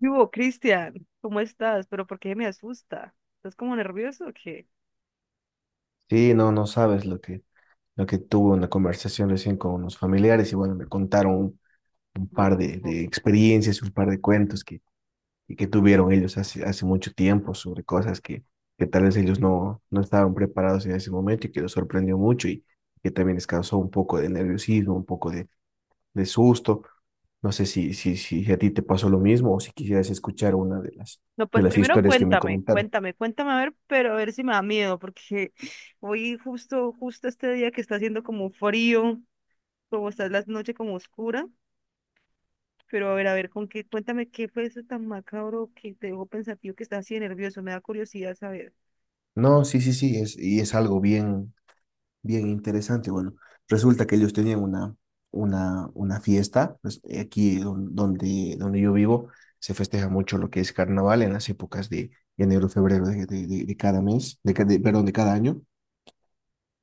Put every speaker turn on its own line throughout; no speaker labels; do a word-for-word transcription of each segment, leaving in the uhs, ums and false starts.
¿Qué hubo, Cristian? ¿Cómo estás? ¿Pero por qué me asusta? ¿Estás como nervioso o qué?
Sí, no, no sabes lo que, lo que tuve una conversación recién con unos familiares y bueno, me contaron un, un
Me
par de,
preocupa.
de experiencias, un par de cuentos que, y que tuvieron ellos hace, hace mucho tiempo sobre cosas que, que tal vez ellos no, no estaban preparados en ese momento y que los sorprendió mucho y que también les causó un poco de nerviosismo, un poco de, de susto. No sé si, si, si a ti te pasó lo mismo o si quisieras escuchar una de las,
No,
de
pues
las
primero
historias que me
cuéntame,
comentaron.
cuéntame, cuéntame a ver, pero a ver si me da miedo, porque hoy justo, justo este día que está haciendo como frío, como está la noche como oscura, pero a ver, a ver, con qué, cuéntame qué fue eso tan macabro que te dejó pensativo, que estás así de nervioso, me da curiosidad saber.
No, sí, sí, sí, es, y es algo bien Bien interesante. Bueno, resulta que ellos tenían una, una, una fiesta, pues, eh, aquí don- donde, donde yo vivo se festeja mucho lo que es carnaval en las épocas de enero, febrero de, de- de- de cada mes, de, ca- de- perdón, de cada año.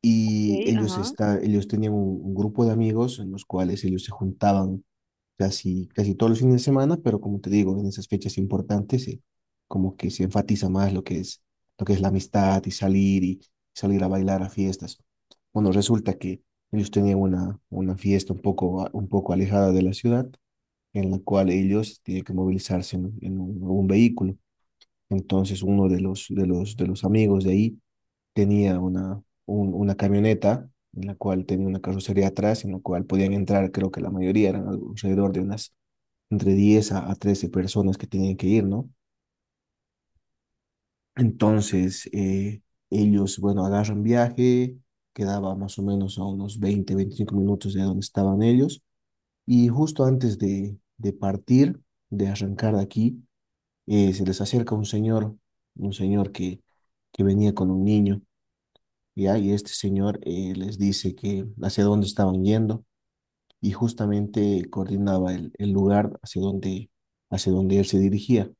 Y
Sí,
ellos,
ajá.
está, ellos tenían un, un grupo de amigos en los cuales ellos se juntaban casi, casi todos los fines de semana, pero como te digo, en esas fechas importantes, eh, como que se enfatiza más lo que es, lo que es la amistad y salir y salir a bailar a fiestas. Bueno, resulta que ellos tenían una, una fiesta un poco, a- un poco alejada de la ciudad, en la cual ellos tienen que movilizarse en, en un, un vehículo. Entonces, uno de los, de los, de los amigos de ahí tenía una, un- una camioneta en la cual tenía una carrocería atrás, en la cual podían entrar, creo que la mayoría eran algo- alrededor de unas entre diez a, a trece personas que tenían que ir, ¿no? Entonces, eh, ellos, bueno, agarran viaje. Quedaba más o menos a unos veinte veinticinco minutos de donde estaban ellos, y justo antes de, de partir, de arrancar de aquí, eh, se les acerca un señor, un señor que, que venía con un niño, ¿ya? Y este señor eh, les dice que hacia dónde estaban yendo y justamente coordinaba el, el lugar hacia donde, hacia donde él se dirigía.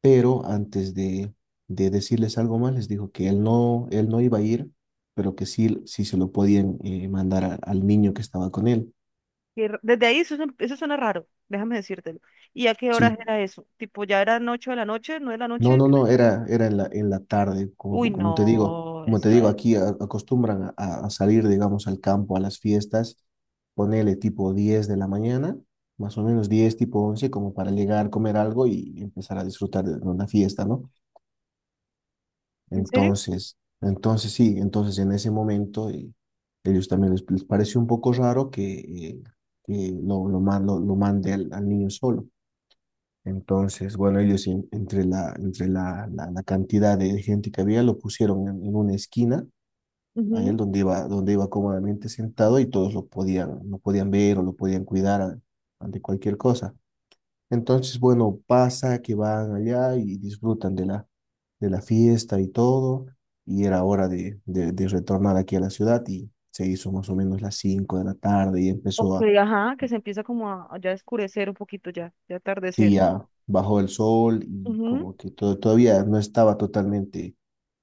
Pero antes de, de decirles algo más, les dijo que él no, él no iba a ir, pero que sí, sí se lo podían eh, mandar a- al niño que estaba con él.
Qué ra- Desde ahí eso, suena- eso suena raro, déjame decírtelo. ¿Y a qué horas
Sí,
era eso? Tipo, ya eran ocho de la noche, nueve de la
no,
noche.
no, no, era, era en la, en la tarde.
Uy,
Como, como te digo,
no,
como te digo,
esa-
aquí a- acostumbran a, a salir, digamos, al campo, a las fiestas, ponele tipo diez de la mañana, más o menos diez tipo once como para llegar, comer algo y empezar a disfrutar de una fiesta, ¿no?
¿En serio?
Entonces, entonces sí, entonces en ese momento eh, ellos también les, les pareció un poco raro que, eh, que lo, lo, ma- lo, lo mande al, al niño solo. Entonces, bueno, ellos en- entre la, entre la, la, la cantidad de gente que había lo pusieron en, en una esquina, a él
Ujú.
donde iba, donde iba cómodamente sentado y todos lo podían, lo podían ver o lo podían cuidar a- ante cualquier cosa. Entonces, bueno, pasa que van allá y disfrutan de la, de la fiesta y todo, y era hora de, de, de retornar aquí a la ciudad y se hizo más o menos las cinco de la tarde y
Ok,
empezó a,
ajá, que se empieza como a, a ya oscurecer un poquito, ya, ya atardecer.
sí, ya bajó el sol y
Ujú.
como que todo, todavía no estaba totalmente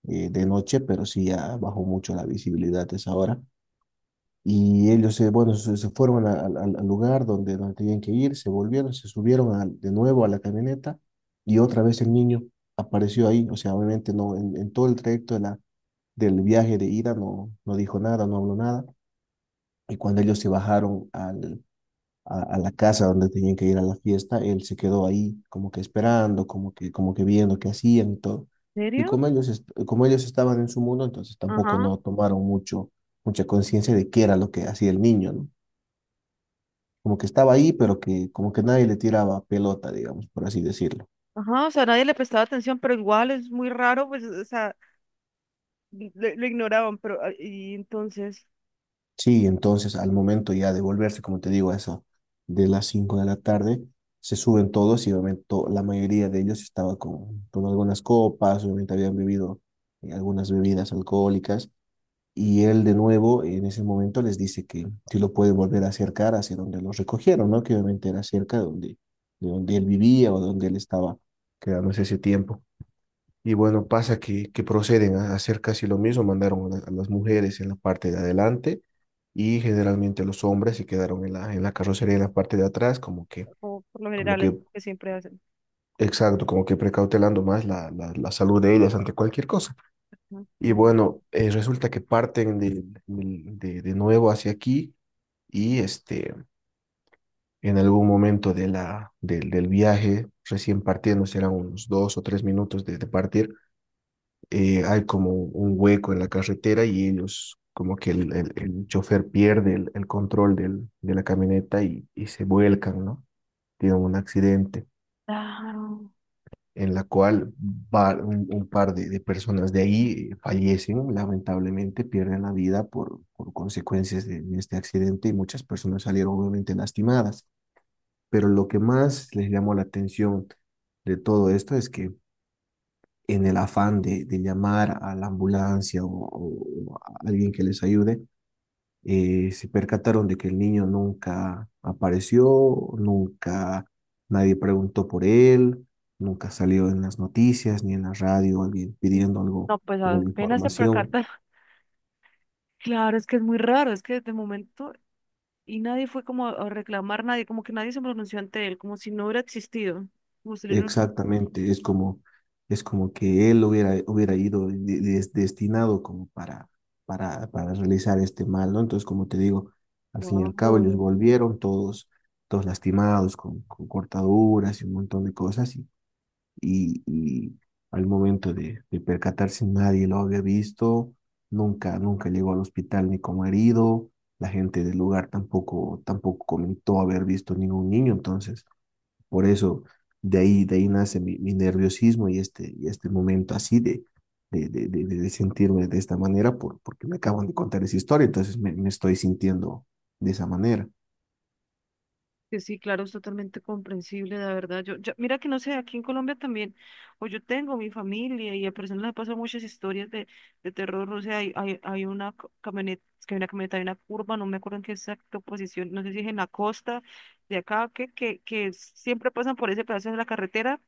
eh, de noche, pero sí ya bajó mucho la visibilidad a esa hora. Y ellos se, bueno, se, se fueron al al- al lugar donde, donde tenían que ir, se volvieron, se subieron al- de nuevo a la camioneta y otra vez el niño apareció ahí. O sea, obviamente no, en, en todo el trayecto de la, del viaje de ida no, no dijo nada, no habló nada. Y cuando ellos se bajaron al, a, a la casa donde tenían que ir a la fiesta, él se quedó ahí como que esperando, como que, como que viendo qué hacían y todo.
¿En
Y
serio?
como ellos, est- como ellos estaban en su mundo, entonces tampoco
Ajá,
no tomaron mucho, mucha conciencia de qué era lo que hacía el niño, ¿no? Como que estaba ahí, pero que como que nadie le tiraba pelota, digamos, por así decirlo.
ajá, o sea, nadie le prestaba atención, pero igual es muy raro, pues, o sea, li- lo, lo ignoraban, pero, ah, y entonces,
Sí, entonces al momento ya de volverse, como te digo, a eso de las cinco de la tarde, se suben todos y obviamente to- la mayoría de ellos estaba con, con algunas copas, obviamente habían bebido eh, algunas bebidas alcohólicas y él de nuevo en ese momento les dice que si lo puede volver a acercar hacia donde los recogieron, ¿no? Que obviamente era cerca de donde, de donde él vivía o donde él estaba quedándose ese tiempo. Y bueno, pasa que, que proceden a hacer casi lo mismo, mandaron a, la- a las mujeres en la parte de adelante y generalmente los hombres se quedaron en la, en la carrocería en la parte de atrás, como que,
como por lo
como
general es
que,
lo que siempre hacen.
exacto, como que precautelando más la, la, la salud de ellas ante cualquier cosa.
Ujú.
Y bueno, eh, resulta que parten de, de, de nuevo hacia aquí y este, en algún momento de la, del, del viaje, recién partiendo, serán unos dos o tres minutos de, de partir. Eh, hay como un hueco en la carretera y ellos, como que el, el- el chofer pierde el, el control del- de la camioneta y, y se vuelcan, ¿no? Tienen un accidente
Claro.
en la cual va- un, un par de, de personas de ahí eh, fallecen, lamentablemente pierden la vida por, por consecuencias de, de este accidente y muchas personas salieron obviamente lastimadas. Pero lo que más les llamó la atención de todo esto es que en el afán de, de llamar a la ambulancia o, o a alguien que les ayude, eh, se percataron de que el niño nunca apareció, nunca nadie preguntó por él, nunca salió en las noticias ni en la radio alguien pidiendo algo,
No, pues
alguna
apenas se
información.
percata. Claro, es que es muy raro, es que de momento y nadie fue como a reclamar, nadie, como que nadie se pronunció ante él, como si no hubiera existido. Como si no hubiera...
Exactamente, es como, es como que él hubiera, hubiera ido de- de- destinado como para, para, para realizar este mal, ¿no? Entonces, como te digo, al fin y al cabo ellos
Claro.
volvieron todos, todos lastimados, con, con cortaduras y un montón de cosas, y, y, y al momento de, de percatarse nadie lo había visto, nunca, nunca llegó al hospital ni como herido, la gente del lugar tampoco, tampoco comentó haber visto ningún niño, entonces por eso, de ahí, de ahí nace mi, mi nerviosismo y este, y este momento así de, de, de, de, de sentirme de esta manera por, porque me acaban de contar esa historia, entonces me, me estoy sintiendo de esa manera.
Que sí, claro, es totalmente comprensible, la verdad. Yo, yo, mira que no sé, aquí en Colombia también, o yo tengo mi familia y a personas les pasan muchas historias de, de terror, o sea, hay, hay, hay una co- camioneta, es que hay una camioneta, hay una curva, no me acuerdo en qué exacta posición, no sé si es en la costa de acá, que, que, que siempre pasan por ese pedazo de la carretera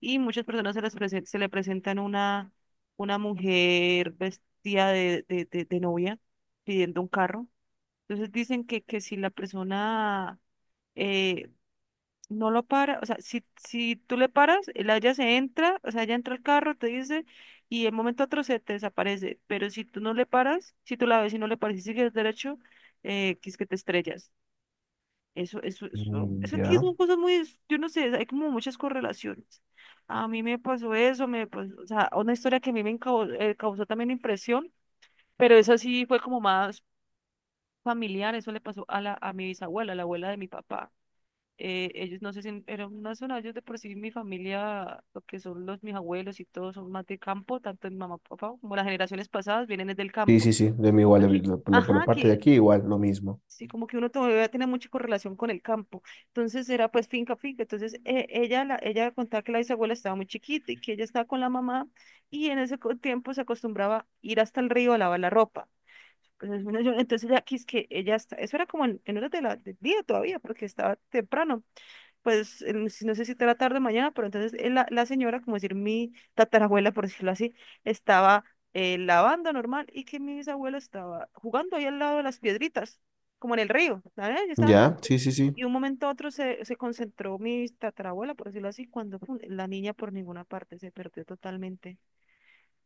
y muchas personas se les presen- se le presentan una, una mujer vestida de, de, de, de novia pidiendo un carro. Entonces dicen que, que si la persona eh, no lo para, o sea, si, si tú le paras, el haya se entra, o sea, ella entra al carro, te dice, y de un momento a otro se te desaparece, pero si tú no le paras, si tú la ves y no le paras y sigues derecho, eh, que es que te estrellas. Eso, eso, eso,
Mm,
eso aquí
ya.
son cosas muy, yo no sé, hay como muchas correlaciones. A mí me pasó eso, me pasó, o sea, una historia que a mí me encau- eh, causó también impresión, pero esa sí fue como más familiar, eso le pasó a la, a mi bisabuela, la abuela de mi papá. eh, ellos no sé si eran más sonados de por sí mi familia, lo que son los mis abuelos y todos son más de campo, tanto mi mamá, papá, como las generaciones pasadas vienen es del
Sí,
campo.
sí, sí, de mí igual, de-
Aquí.
la- por la, por la
Ajá,
parte de
que
aquí igual, lo mismo.
sí, como que uno todavía tiene mucha correlación con el campo. Entonces era pues finca, finca. Entonces eh, ella, la, ella contaba que la bisabuela estaba muy chiquita y que ella estaba con la mamá y en ese co- tiempo se acostumbraba a ir hasta el río a lavar la ropa. Entonces, bueno, yo- entonces ya que es que ella está, eso era como en, en horas de la, del día todavía, porque estaba temprano pues el- si no sé si era tarde o mañana, pero entonces eh, la, la señora, como decir mi tatarabuela, por decirlo así, estaba eh, lavando normal y que mi bisabuelo estaba jugando ahí al lado de las piedritas, como en el río, ¿sabes? Ellos estaban...
Ya, sí, sí, sí.
Y un momento a otro se, se concentró mi tatarabuela, por decirlo así, cuando pum, la niña por ninguna parte se perdió totalmente.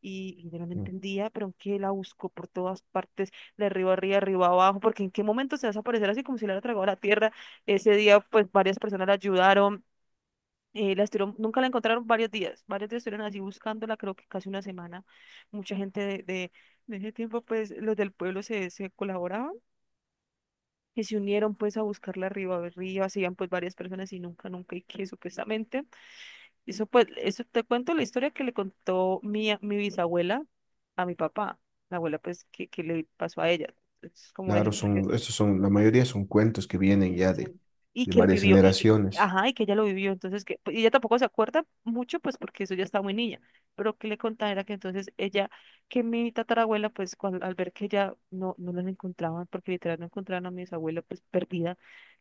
Y, y yo no la
Mm,
entendía, pero que la buscó por todas partes, de arriba arriba, arriba abajo, porque en qué momento se va a desaparecer así como si le hubiera tragado la tierra. Ese día, pues varias personas la ayudaron. Eh, la estuvieron- nunca la encontraron varios días, varios días estuvieron así buscándola, creo que casi una semana. Mucha gente de, de, de ese tiempo, pues los del pueblo se, se colaboraban y se unieron pues a buscarla arriba, arriba, se iban pues varias personas y nunca, nunca, y que supuestamente, eso pues, eso te cuento la historia que le contó mi, a- mi bisabuela a mi papá, la abuela pues que, que le pasó a ella. Es como
claro,
de...
son, estos son, la mayoría son cuentos que vienen ya
Sí.
de,
Y
de
que él
varias
vivió, y que,
generaciones.
ajá, y que ella lo vivió, entonces que, y ella tampoco se acuerda mucho, pues porque eso ya estaba muy niña, pero que le contaba era que entonces ella, que mi tatarabuela, pues cuando, al ver que ella no, no las encontraban, porque literal no encontraban a mi bisabuela, pues perdida,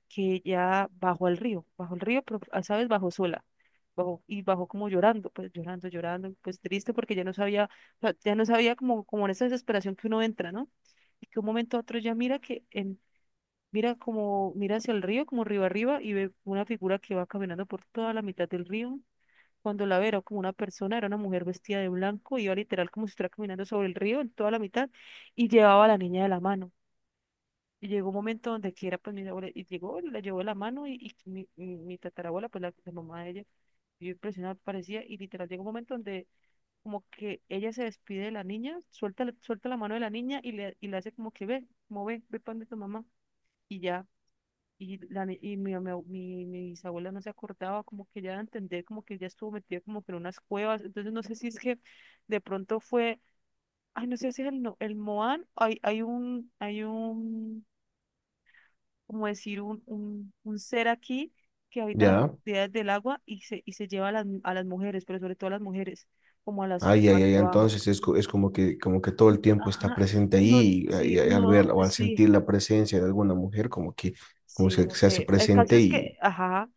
que ella bajó al río, bajó al río, pero, ah, ¿sabes? Bajó sola. Bajó, y bajó como llorando, pues llorando, llorando, pues triste porque ya no sabía, o sea, ya no sabía como, como en esa desesperación que uno entra, ¿no? Y que un momento a otro ya mira que en... Mira como, mira hacia el río, como río arriba, y ve una figura que va caminando por toda la mitad del río. Cuando la ve, era como una persona, era una mujer vestida de blanco, iba literal como si estuviera caminando sobre el río en toda la mitad, y llevaba a la niña de la mano. Y llegó un momento donde quiera, pues mi abuela, y llegó, y la llevó de la mano, y, y mi, mi- mi tatarabuela, pues la, la mamá de ella, yo impresionada parecía, y literal llegó un momento donde como que ella se despide de la niña, suelta, la- suelta la mano de la niña y le, y le hace como que ve, como ve, ve para donde tu mamá, y ya. Y, la, ni- y mi, mi, mi, mi bisabuela no se acordaba, como que ya de entender, como que ya estuvo metida como que en unas cuevas. Entonces no sé si es que de pronto fue, ay, no sé si es el, no- el Moan, hay, hay un, hay un, como decir, un, un, un ser aquí que habita en las
Ya.
profundidades del agua y se, y se lleva a las, a las mujeres, pero sobre todo a las mujeres, como a las
Ay, ay,
cuevas de
ay,
abajo.
entonces es, co- es como que, como que todo el tiempo está
Ajá,
presente
no,
ahí y,
sí,
y al ver
no,
o al
sí.
sentir la presencia de alguna mujer, como que, como
Sí,
se,
no
se hace
sé. El caso
presente
es
y,
que, ajá,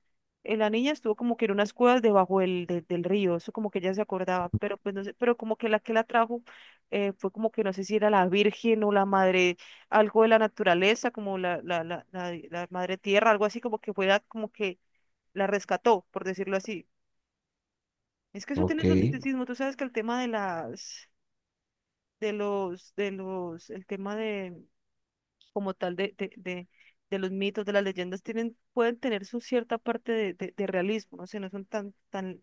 eh, la niña estuvo como que en unas cuevas debajo del, de- del río, eso como que ella se acordaba, pero pues no sé, pero como que la que la trajo eh, fue como que no sé si era la Virgen o la madre, algo de la naturaleza, como la, la, la, la, la madre tierra, algo así como que fue la- como que la rescató, por decirlo así. Es que eso tiene
ok.
su misticismo, tú sabes que el tema de las, de los, de los, el tema de como tal de, de, de, de los mitos, de las leyendas, tienen, pueden tener su cierta parte de, de, de realismo, no sé, no son tan, tan,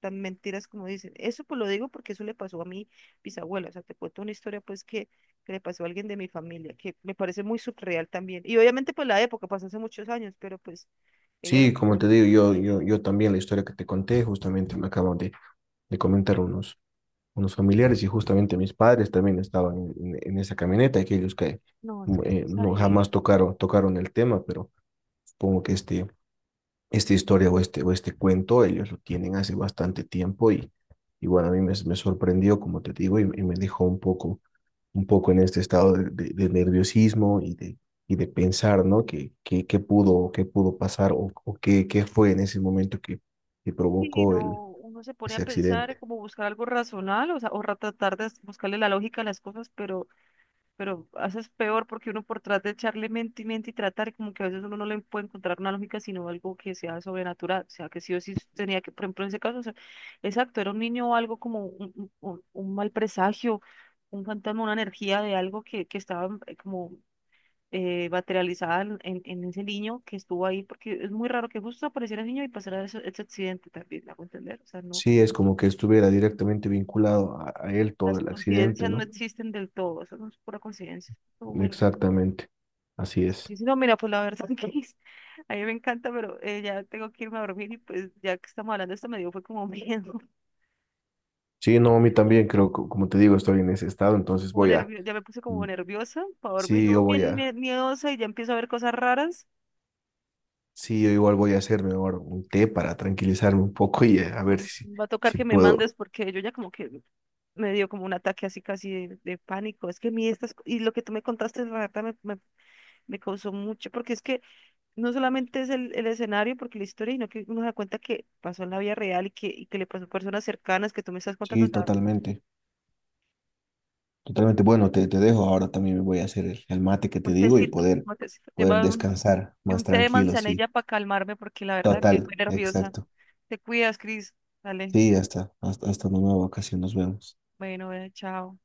tan mentiras como dicen. Eso pues lo digo porque eso le pasó a mi bisabuela, o sea, te cuento una historia pues que, que le pasó a alguien de mi familia, que me parece muy surreal también. Y obviamente pues la época pasó hace muchos años, pero pues ella lo
Sí, como te
vivió.
digo, yo, yo, yo también la historia que te conté, justamente me acaban de, de comentar unos, unos familiares y justamente mis padres también estaban en, en- en esa camioneta, aquellos que
No, es que esto
eh,
está
no jamás
heavy.
tocaron, tocaron el tema, pero supongo que este esta historia o este, o este cuento, ellos lo tienen hace bastante tiempo y, y bueno, a mí me, me sorprendió, como te digo, y, y me dejó un poco, un poco en este estado de, de, de nerviosismo y de, y de pensar, ¿no? ¿Qué, qué, qué pudo, qué pudo, pasar o, o qué, qué fue en ese momento que, que
Sí,
provocó el,
no, uno se pone a
ese
pensar
accidente?
como buscar algo razonable, o sea, o ra- tratar de buscarle la lógica a las cosas, pero pero haces peor porque uno por tratar de echarle mente y mente y tratar, y como que a veces uno no le puede encontrar una lógica, sino algo que sea sobrenatural, o sea, que sí o sí tenía que, por ejemplo, en ese caso, o sea, exacto, era un niño o algo como un, un- un- un mal presagio, un fantasma, una energía de algo que, que estaba eh, como eh, materializada en, en- en ese niño que estuvo ahí, porque es muy raro que justo apareciera el niño y pasara ese, ese accidente también, ¿me hago entender? O sea, no,
Sí, es como que estuviera directamente vinculado a, a él todo
las
el accidente,
coincidencias no
¿no?
existen del todo, eso no es pura coincidencia, estuvo muy raro.
Exactamente, así es.
Sí, sí, no, mira, pues la verdad que a mí me encanta, pero eh, ya tengo que irme a dormir y pues ya que estamos hablando de esto me dio fue como miedo,
Sí, no, a mí también creo, que, como te digo, estoy en ese estado, entonces
como
voy a,
nervio, ya me puse como nerviosa para dormir,
sí,
yo voy
yo voy
bien
a,
mie- miedosa y ya empiezo a ver cosas raras.
sí, yo igual voy a hacerme ahora un té para tranquilizarme un poco y eh, a ver
Mm.
si,
Va a tocar
si
que me
puedo.
mandes porque yo ya como que me dio como un ataque así casi de, de pánico. Es que a mí estas, co- y lo que tú me contaste, la verdad me, me, me causó mucho, porque es que no solamente es el, el escenario, porque la historia, sino que uno se da cuenta que pasó en la vida real y que, y que le pasó a personas cercanas que tú me estás contando.
Sí, totalmente, totalmente. Bueno, te, te dejo. Ahora también me voy a hacer el, el mate que te
Un
digo y
tecito,
poder,
un tecito.
poder
Lleva un,
descansar
y
más
un té de
tranquilo, sí.
manzanilla para calmarme porque la verdad que
Total,
muy nerviosa.
exacto.
Te cuidas, Cris. Dale.
Sí, hasta, hasta, hasta una nueva ocasión, nos vemos.
Bueno, eh, chao.